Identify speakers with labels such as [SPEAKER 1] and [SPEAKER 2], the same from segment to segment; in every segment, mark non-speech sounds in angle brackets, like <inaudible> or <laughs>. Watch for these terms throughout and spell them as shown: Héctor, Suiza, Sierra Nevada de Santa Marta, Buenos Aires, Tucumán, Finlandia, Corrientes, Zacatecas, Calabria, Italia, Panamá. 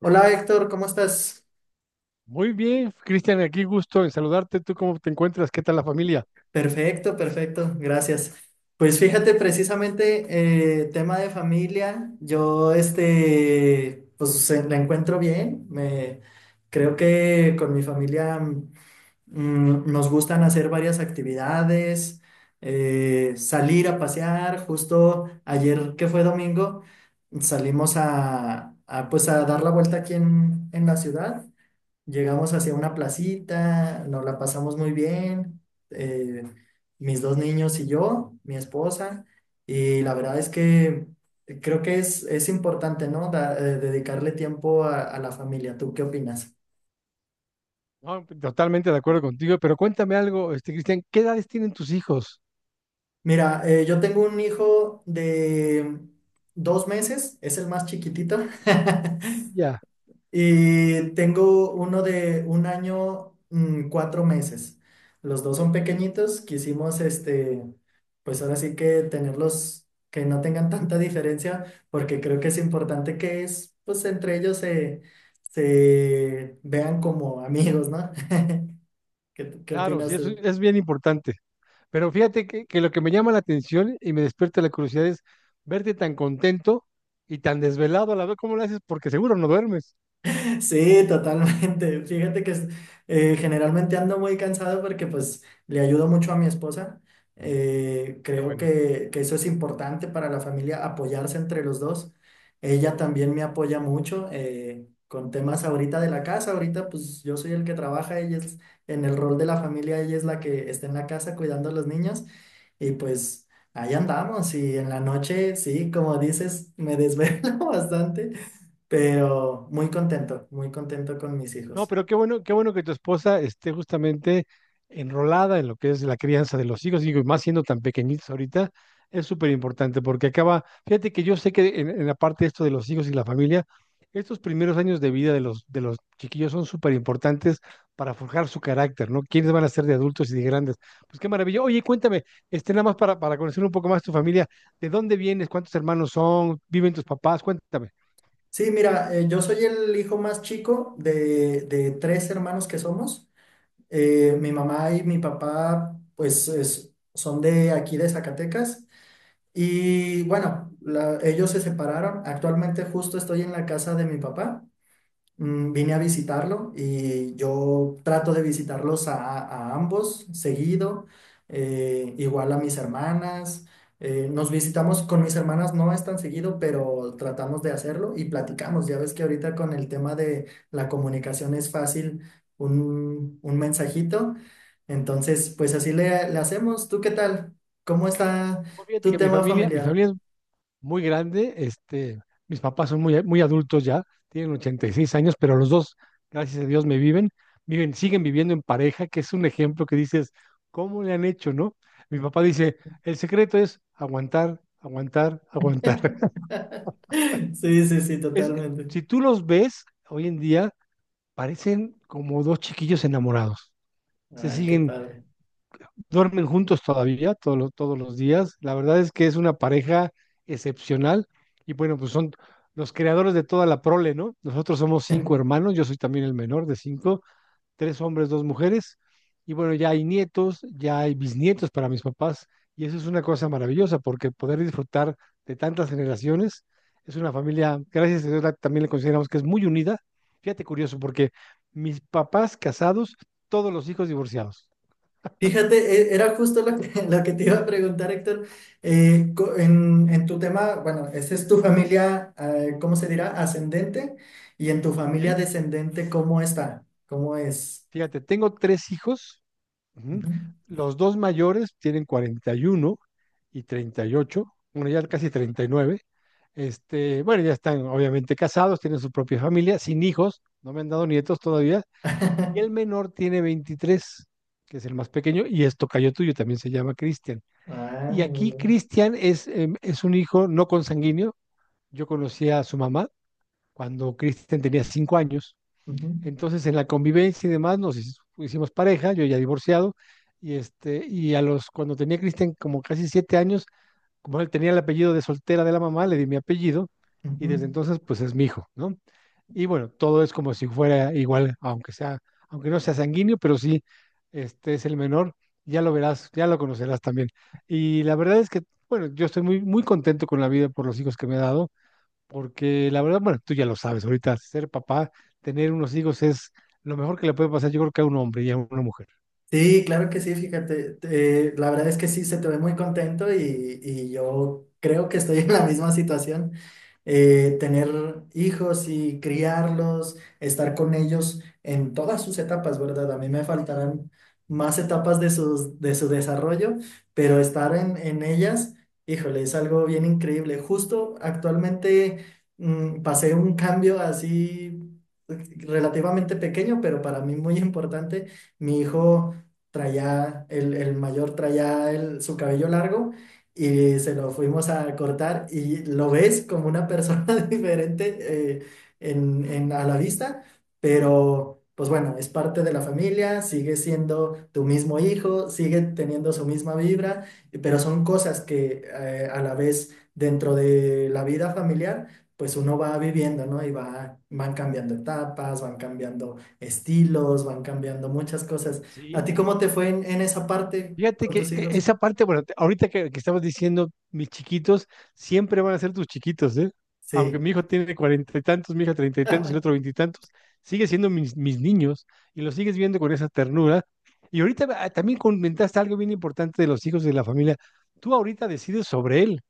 [SPEAKER 1] Hola Héctor, ¿cómo estás?
[SPEAKER 2] Muy bien, Cristian, aquí gusto en saludarte. ¿Tú cómo te encuentras? ¿Qué tal la familia?
[SPEAKER 1] Perfecto, perfecto, gracias. Pues fíjate, precisamente tema de familia, pues la encuentro bien, creo que con mi familia nos gustan hacer varias actividades, salir a pasear, justo ayer que fue domingo, salimos pues a dar la vuelta aquí en la ciudad. Llegamos hacia una placita, nos la pasamos muy bien, eh, mis dos niños y yo, mi esposa, y la verdad es que creo que es importante, ¿no? Dedicarle tiempo a la familia. ¿Tú qué opinas?
[SPEAKER 2] No, totalmente de acuerdo contigo, pero cuéntame algo, Cristian, ¿qué edades tienen tus hijos?
[SPEAKER 1] Mira, yo tengo un hijo de dos meses, es el más chiquitito. <laughs>
[SPEAKER 2] Ya,
[SPEAKER 1] Y tengo uno de un año, cuatro meses. Los dos son pequeñitos. Quisimos, pues ahora sí que tenerlos, que no tengan tanta diferencia, porque creo que es importante pues entre ellos se vean como amigos, ¿no? <laughs> ¿ qué
[SPEAKER 2] claro, sí,
[SPEAKER 1] opinas
[SPEAKER 2] eso
[SPEAKER 1] tú?
[SPEAKER 2] es bien importante. Pero fíjate que lo que me llama la atención y me despierta la curiosidad es verte tan contento y tan desvelado a la vez. ¿Cómo lo haces? Porque seguro no duermes.
[SPEAKER 1] Sí, totalmente. Fíjate que generalmente ando muy cansado porque pues le ayudo mucho a mi esposa.
[SPEAKER 2] Qué
[SPEAKER 1] Creo
[SPEAKER 2] bueno.
[SPEAKER 1] que eso es importante para la familia, apoyarse entre los dos. Ella también me apoya mucho con temas ahorita de la casa. Ahorita pues yo soy el que trabaja, ella es en el rol de la familia, ella es la que está en la casa cuidando a los niños. Y pues ahí andamos y en la noche, sí, como dices, me desvelo <laughs> bastante, pero muy contento con mis
[SPEAKER 2] No,
[SPEAKER 1] hijos.
[SPEAKER 2] pero qué bueno que tu esposa esté justamente enrolada en lo que es la crianza de los hijos, digo, y más siendo tan pequeñitos ahorita, es súper importante porque acaba, fíjate que yo sé que en, la parte de esto de los hijos y la familia, estos primeros años de vida de los chiquillos son súper importantes para forjar su carácter, ¿no? ¿Quiénes van a ser de adultos y de grandes? Pues qué maravilla. Oye, cuéntame, nada más para, conocer un poco más tu familia, ¿de dónde vienes? ¿Cuántos hermanos son? ¿Viven tus papás? Cuéntame.
[SPEAKER 1] Sí, mira, yo soy el hijo más chico de tres hermanos que somos. Mi mamá y mi papá, pues son de aquí de Zacatecas. Y bueno, ellos se separaron. Actualmente justo estoy en la casa de mi papá. Vine a visitarlo y yo trato de visitarlos a ambos seguido, igual a mis hermanas. Nos visitamos con mis hermanas, no es tan seguido, pero tratamos de hacerlo y platicamos. Ya ves que ahorita con el tema de la comunicación es fácil un mensajito. Entonces, pues así le hacemos. ¿Tú qué tal? ¿Cómo está
[SPEAKER 2] No, fíjate
[SPEAKER 1] tu
[SPEAKER 2] que mi
[SPEAKER 1] tema
[SPEAKER 2] familia, mi
[SPEAKER 1] familiar?
[SPEAKER 2] familia es muy grande. Mis papás son muy, muy adultos ya, tienen 86 años, pero los dos, gracias a Dios, me viven, siguen viviendo en pareja, que es un ejemplo que dices, ¿cómo le han hecho, no? Mi papá dice, el secreto es aguantar, aguantar, aguantar. <laughs>
[SPEAKER 1] <laughs> Sí, sí, sí,
[SPEAKER 2] Es,
[SPEAKER 1] totalmente.
[SPEAKER 2] si tú los ves hoy en día, parecen como dos chiquillos enamorados. Se
[SPEAKER 1] Ay, qué
[SPEAKER 2] siguen
[SPEAKER 1] padre.
[SPEAKER 2] Duermen juntos todavía, todos los días. La verdad es que es una pareja excepcional. Y bueno, pues son los creadores de toda la prole, ¿no? Nosotros somos cinco hermanos, yo soy también el menor de cinco, tres hombres, dos mujeres. Y bueno, ya hay nietos, ya hay bisnietos para mis papás. Y eso es una cosa maravillosa, porque poder disfrutar de tantas generaciones es una familia, gracias a Dios, también le consideramos que es muy unida. Fíjate curioso, porque mis papás casados, todos los hijos divorciados.
[SPEAKER 1] Fíjate, era justo lo que, <laughs> lo que te iba a preguntar, Héctor. En tu tema, bueno, esa es tu familia, ¿cómo se dirá? Ascendente. Y en tu familia
[SPEAKER 2] ¿Sí?
[SPEAKER 1] descendente, ¿cómo está? ¿Cómo es?
[SPEAKER 2] Fíjate, tengo tres hijos. Ujú.
[SPEAKER 1] Ujú.
[SPEAKER 2] Los dos mayores tienen 41 y 38, bueno, ya casi 39. Bueno, ya están obviamente casados, tienen su propia familia, sin hijos, no me han dado nietos todavía. Y el
[SPEAKER 1] <laughs>
[SPEAKER 2] menor tiene 23, que es el más pequeño, y es tocayo tuyo, también se llama Cristian.
[SPEAKER 1] Ah,
[SPEAKER 2] Y
[SPEAKER 1] muy
[SPEAKER 2] aquí
[SPEAKER 1] bien.
[SPEAKER 2] Cristian es un hijo no consanguíneo. Yo conocí a su mamá cuando Cristian tenía 5 años,
[SPEAKER 1] Ujú,
[SPEAKER 2] entonces, en la convivencia y demás, nos hicimos pareja, yo ya divorciado, y cuando tenía Cristian como casi 7 años, como él tenía el apellido de soltera de la mamá, le di mi apellido, y desde
[SPEAKER 1] ujú.
[SPEAKER 2] entonces, pues es mi hijo, ¿no? Y bueno, todo es como si fuera igual, aunque sea, aunque no sea sanguíneo, pero sí, este es el menor, ya lo verás, ya lo conocerás también. Y la verdad es que, bueno, yo estoy muy, muy contento con la vida por los hijos que me ha dado porque la verdad, bueno, tú ya lo sabes, ahorita ser papá, tener unos hijos es lo mejor que le puede pasar, yo creo que a un hombre y a una mujer.
[SPEAKER 1] Sí, claro que sí, fíjate. La verdad es que sí, se te ve muy contento y yo creo que estoy en la misma situación. Tener hijos y criarlos, estar con ellos en todas sus etapas, ¿verdad? A mí me faltarán más etapas de su desarrollo, pero estar en ellas, híjole, es algo bien increíble. Justo actualmente pasé un cambio así relativamente pequeño, pero para mí muy importante. Mi hijo traía, el mayor traía su cabello largo y se lo fuimos a cortar y lo ves como una persona <laughs> diferente, eh, a la vista, pero pues bueno, es parte de la familia, sigue siendo tu mismo hijo, sigue teniendo su misma vibra, pero son cosas que a la vez dentro de la vida familiar, pues uno va viviendo, ¿no? Y van cambiando etapas, van cambiando estilos, van cambiando muchas cosas. ¿A
[SPEAKER 2] ¿Sí?
[SPEAKER 1] ti cómo te fue en esa parte
[SPEAKER 2] Fíjate
[SPEAKER 1] con
[SPEAKER 2] que
[SPEAKER 1] tus hijos?
[SPEAKER 2] esa parte, bueno, ahorita que estabas diciendo, mis chiquitos siempre van a ser tus chiquitos, ¿eh? Aunque
[SPEAKER 1] Sí.
[SPEAKER 2] mi hijo tiene cuarenta y tantos, mi hija treinta y tantos, el otro veintitantos, sigue siendo mis niños y los sigues viendo con esa ternura. Y ahorita también comentaste algo bien importante de los hijos de la familia. Tú ahorita decides sobre él,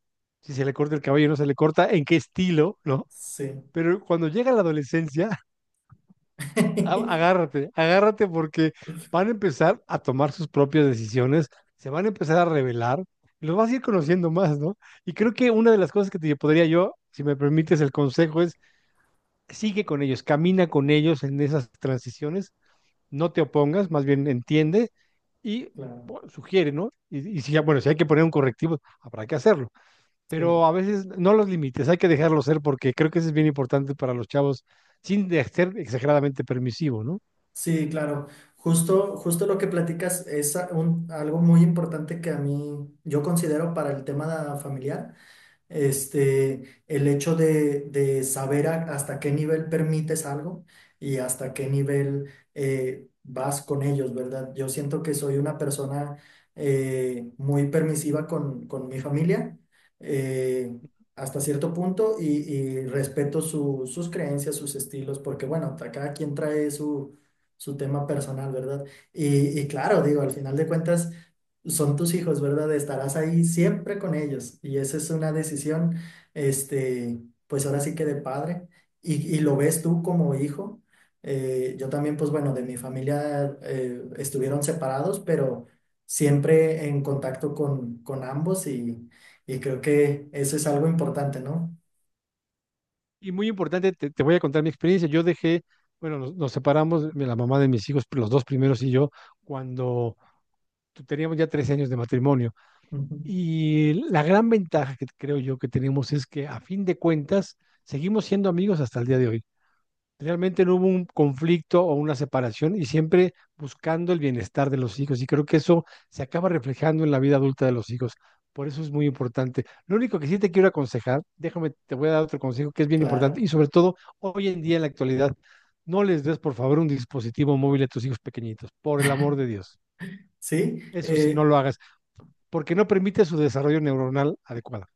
[SPEAKER 2] si se le corta el cabello o no se le corta, en qué estilo, ¿no?
[SPEAKER 1] Sí,
[SPEAKER 2] Pero cuando llega la adolescencia, <laughs>
[SPEAKER 1] <laughs>
[SPEAKER 2] agárrate, agárrate porque van a empezar a tomar sus propias decisiones, se van a empezar a revelar, y los vas a ir conociendo más, ¿no? Y creo que una de las cosas que te podría yo, si me permites el consejo, es sigue con ellos, camina con ellos en esas transiciones, no te opongas, más bien entiende y
[SPEAKER 1] claro,
[SPEAKER 2] bueno, sugiere, ¿no? Y si, bueno, si hay que poner un correctivo, habrá que hacerlo,
[SPEAKER 1] sí,
[SPEAKER 2] pero a veces no los límites, hay que dejarlos ser porque creo que eso es bien importante para los chavos, sin ser exageradamente permisivo, ¿no?
[SPEAKER 1] sí, claro. Justo, justo lo que platicas es algo muy importante que a mí yo considero para el tema familiar. El hecho de saber hasta qué nivel permites algo y hasta qué nivel vas con ellos, ¿verdad? Yo siento que soy una persona muy permisiva con mi familia eh, hasta cierto punto y respeto sus creencias, sus estilos, porque bueno, cada quien trae su tema personal, ¿verdad? Y claro, digo, al final de cuentas son tus hijos, ¿verdad? Estarás ahí siempre con ellos y esa es una decisión, este, pues ahora sí que de padre y lo ves tú como hijo. Yo también, pues bueno, de mi familia estuvieron separados, pero siempre en contacto con ambos y creo que eso es algo importante, ¿no?
[SPEAKER 2] Y muy importante, te voy a contar mi experiencia. Bueno, nos separamos, la mamá de mis hijos, los dos primeros y yo, cuando teníamos ya 13 años de matrimonio.
[SPEAKER 1] Ujú.
[SPEAKER 2] Y la gran ventaja que creo yo que tenemos es que a fin de cuentas seguimos siendo amigos hasta el día de hoy. Realmente no hubo un conflicto o una separación y siempre buscando el bienestar de los hijos. Y creo que eso se acaba reflejando en la vida adulta de los hijos. Por eso es muy importante. Lo único que sí te quiero aconsejar, déjame, te voy a dar otro consejo que es bien importante y
[SPEAKER 1] Claro.
[SPEAKER 2] sobre todo hoy en día en la actualidad, no les des por favor un dispositivo móvil a tus hijos pequeñitos, por el amor de Dios.
[SPEAKER 1] Sí,
[SPEAKER 2] Eso sí, no lo hagas, porque no permite su desarrollo neuronal adecuado.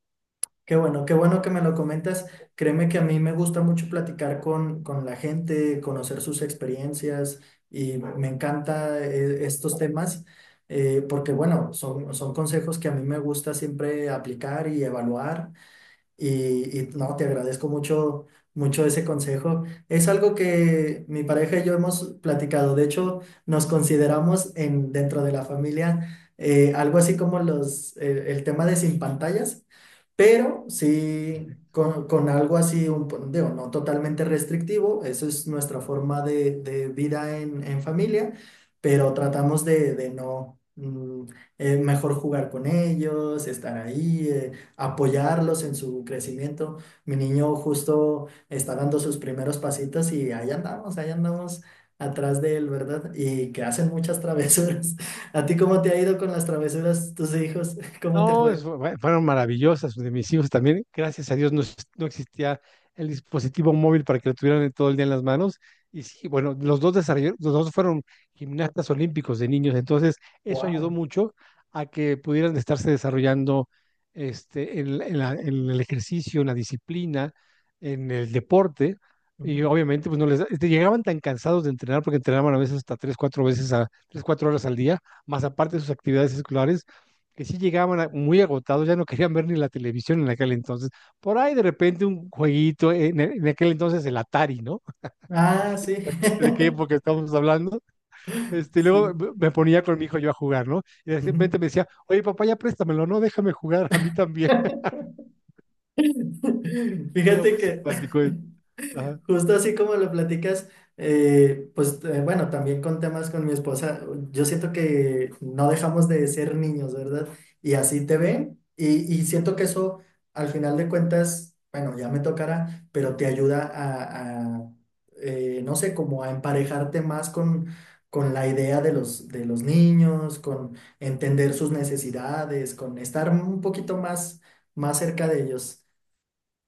[SPEAKER 1] qué bueno, qué bueno que me lo comentas. Créeme que a mí me gusta mucho platicar con la gente, conocer sus experiencias y me encanta estos temas porque, bueno, son consejos que a mí me gusta siempre aplicar y evaluar y no, te agradezco mucho, mucho ese consejo. Es algo que mi pareja y yo hemos platicado. De hecho, nos consideramos dentro de la familia algo así como el tema de sin pantallas, pero sí con algo así, digo, no totalmente restrictivo. Eso es nuestra forma de vida en familia, pero tratamos de no... mejor jugar con ellos, estar ahí. Apoyarlos en su crecimiento. Mi niño justo está dando sus primeros pasitos y ahí andamos atrás de él, ¿verdad? Y que hacen muchas travesuras. <laughs> ¿A ti cómo te ha ido con las travesuras, tus hijos? <laughs> ¿Cómo te
[SPEAKER 2] No,
[SPEAKER 1] fue?
[SPEAKER 2] fueron maravillosas de mis hijos también. Gracias a Dios no, no existía el dispositivo móvil para que lo tuvieran todo el día en las manos. Y sí, bueno, los dos fueron gimnastas olímpicos de niños, entonces eso ayudó
[SPEAKER 1] Wow.
[SPEAKER 2] mucho a que pudieran estarse desarrollando en el ejercicio, en la disciplina, en el deporte. Y obviamente, pues no les este, llegaban tan cansados de entrenar porque entrenaban a veces hasta tres, cuatro veces a tres, cuatro horas al día, más aparte de sus actividades escolares que sí llegaban muy agotados, ya no querían ver ni la televisión en aquel entonces. Por ahí de repente un jueguito, en aquel entonces el Atari, ¿no?
[SPEAKER 1] Ah, sí.
[SPEAKER 2] Fíjate, ¿de qué
[SPEAKER 1] <laughs>
[SPEAKER 2] época estamos hablando? Y luego
[SPEAKER 1] Sí.
[SPEAKER 2] me ponía con mi hijo yo a jugar, ¿no? Y de
[SPEAKER 1] Ujú.
[SPEAKER 2] repente me decía, oye papá, ya préstamelo, no, déjame jugar a mí también. <laughs>
[SPEAKER 1] <laughs>
[SPEAKER 2] Era
[SPEAKER 1] Fíjate
[SPEAKER 2] muy
[SPEAKER 1] que
[SPEAKER 2] simpático.
[SPEAKER 1] <laughs>
[SPEAKER 2] Ajá.
[SPEAKER 1] justo así como lo platicas, bueno, también con temas con mi esposa, yo siento que no dejamos de ser niños, ¿verdad? Y así te ven y siento que eso al final de cuentas, bueno, ya me tocará, pero te ayuda a, no sé, como a emparejarte más con la idea de los niños, con entender sus necesidades, con estar un poquito más, más cerca de ellos.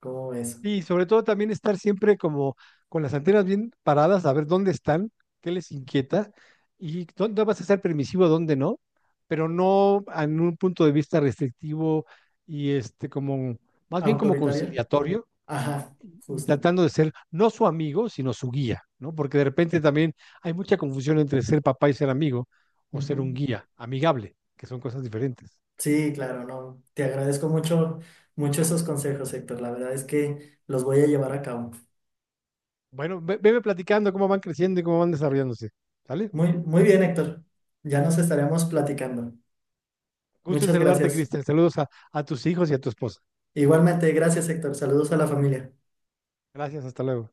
[SPEAKER 1] ¿Cómo ves?
[SPEAKER 2] Y sobre todo también estar siempre como con las antenas bien paradas, a ver dónde están, qué les inquieta y dónde vas a ser permisivo, dónde no, pero no en un punto de vista restrictivo y como más bien como
[SPEAKER 1] ¿Autoritaria?
[SPEAKER 2] conciliatorio
[SPEAKER 1] Ajá,
[SPEAKER 2] y
[SPEAKER 1] justo.
[SPEAKER 2] tratando de ser no su amigo, sino su guía, ¿no? Porque de repente también hay mucha confusión entre ser papá y ser amigo o ser un
[SPEAKER 1] Ujú.
[SPEAKER 2] guía amigable, que son cosas diferentes.
[SPEAKER 1] Sí, claro, no. Te agradezco mucho, mucho esos consejos, Héctor. La verdad es que los voy a llevar a cabo.
[SPEAKER 2] Bueno, veme platicando cómo van creciendo y cómo van desarrollándose, ¿sale?
[SPEAKER 1] Muy, muy bien, Héctor. Ya nos estaremos platicando.
[SPEAKER 2] Gusto en
[SPEAKER 1] Muchas
[SPEAKER 2] saludarte,
[SPEAKER 1] gracias.
[SPEAKER 2] Cristian. Saludos a tus hijos y a tu esposa.
[SPEAKER 1] Igualmente, gracias, Héctor. Saludos a la familia.
[SPEAKER 2] Gracias, hasta luego.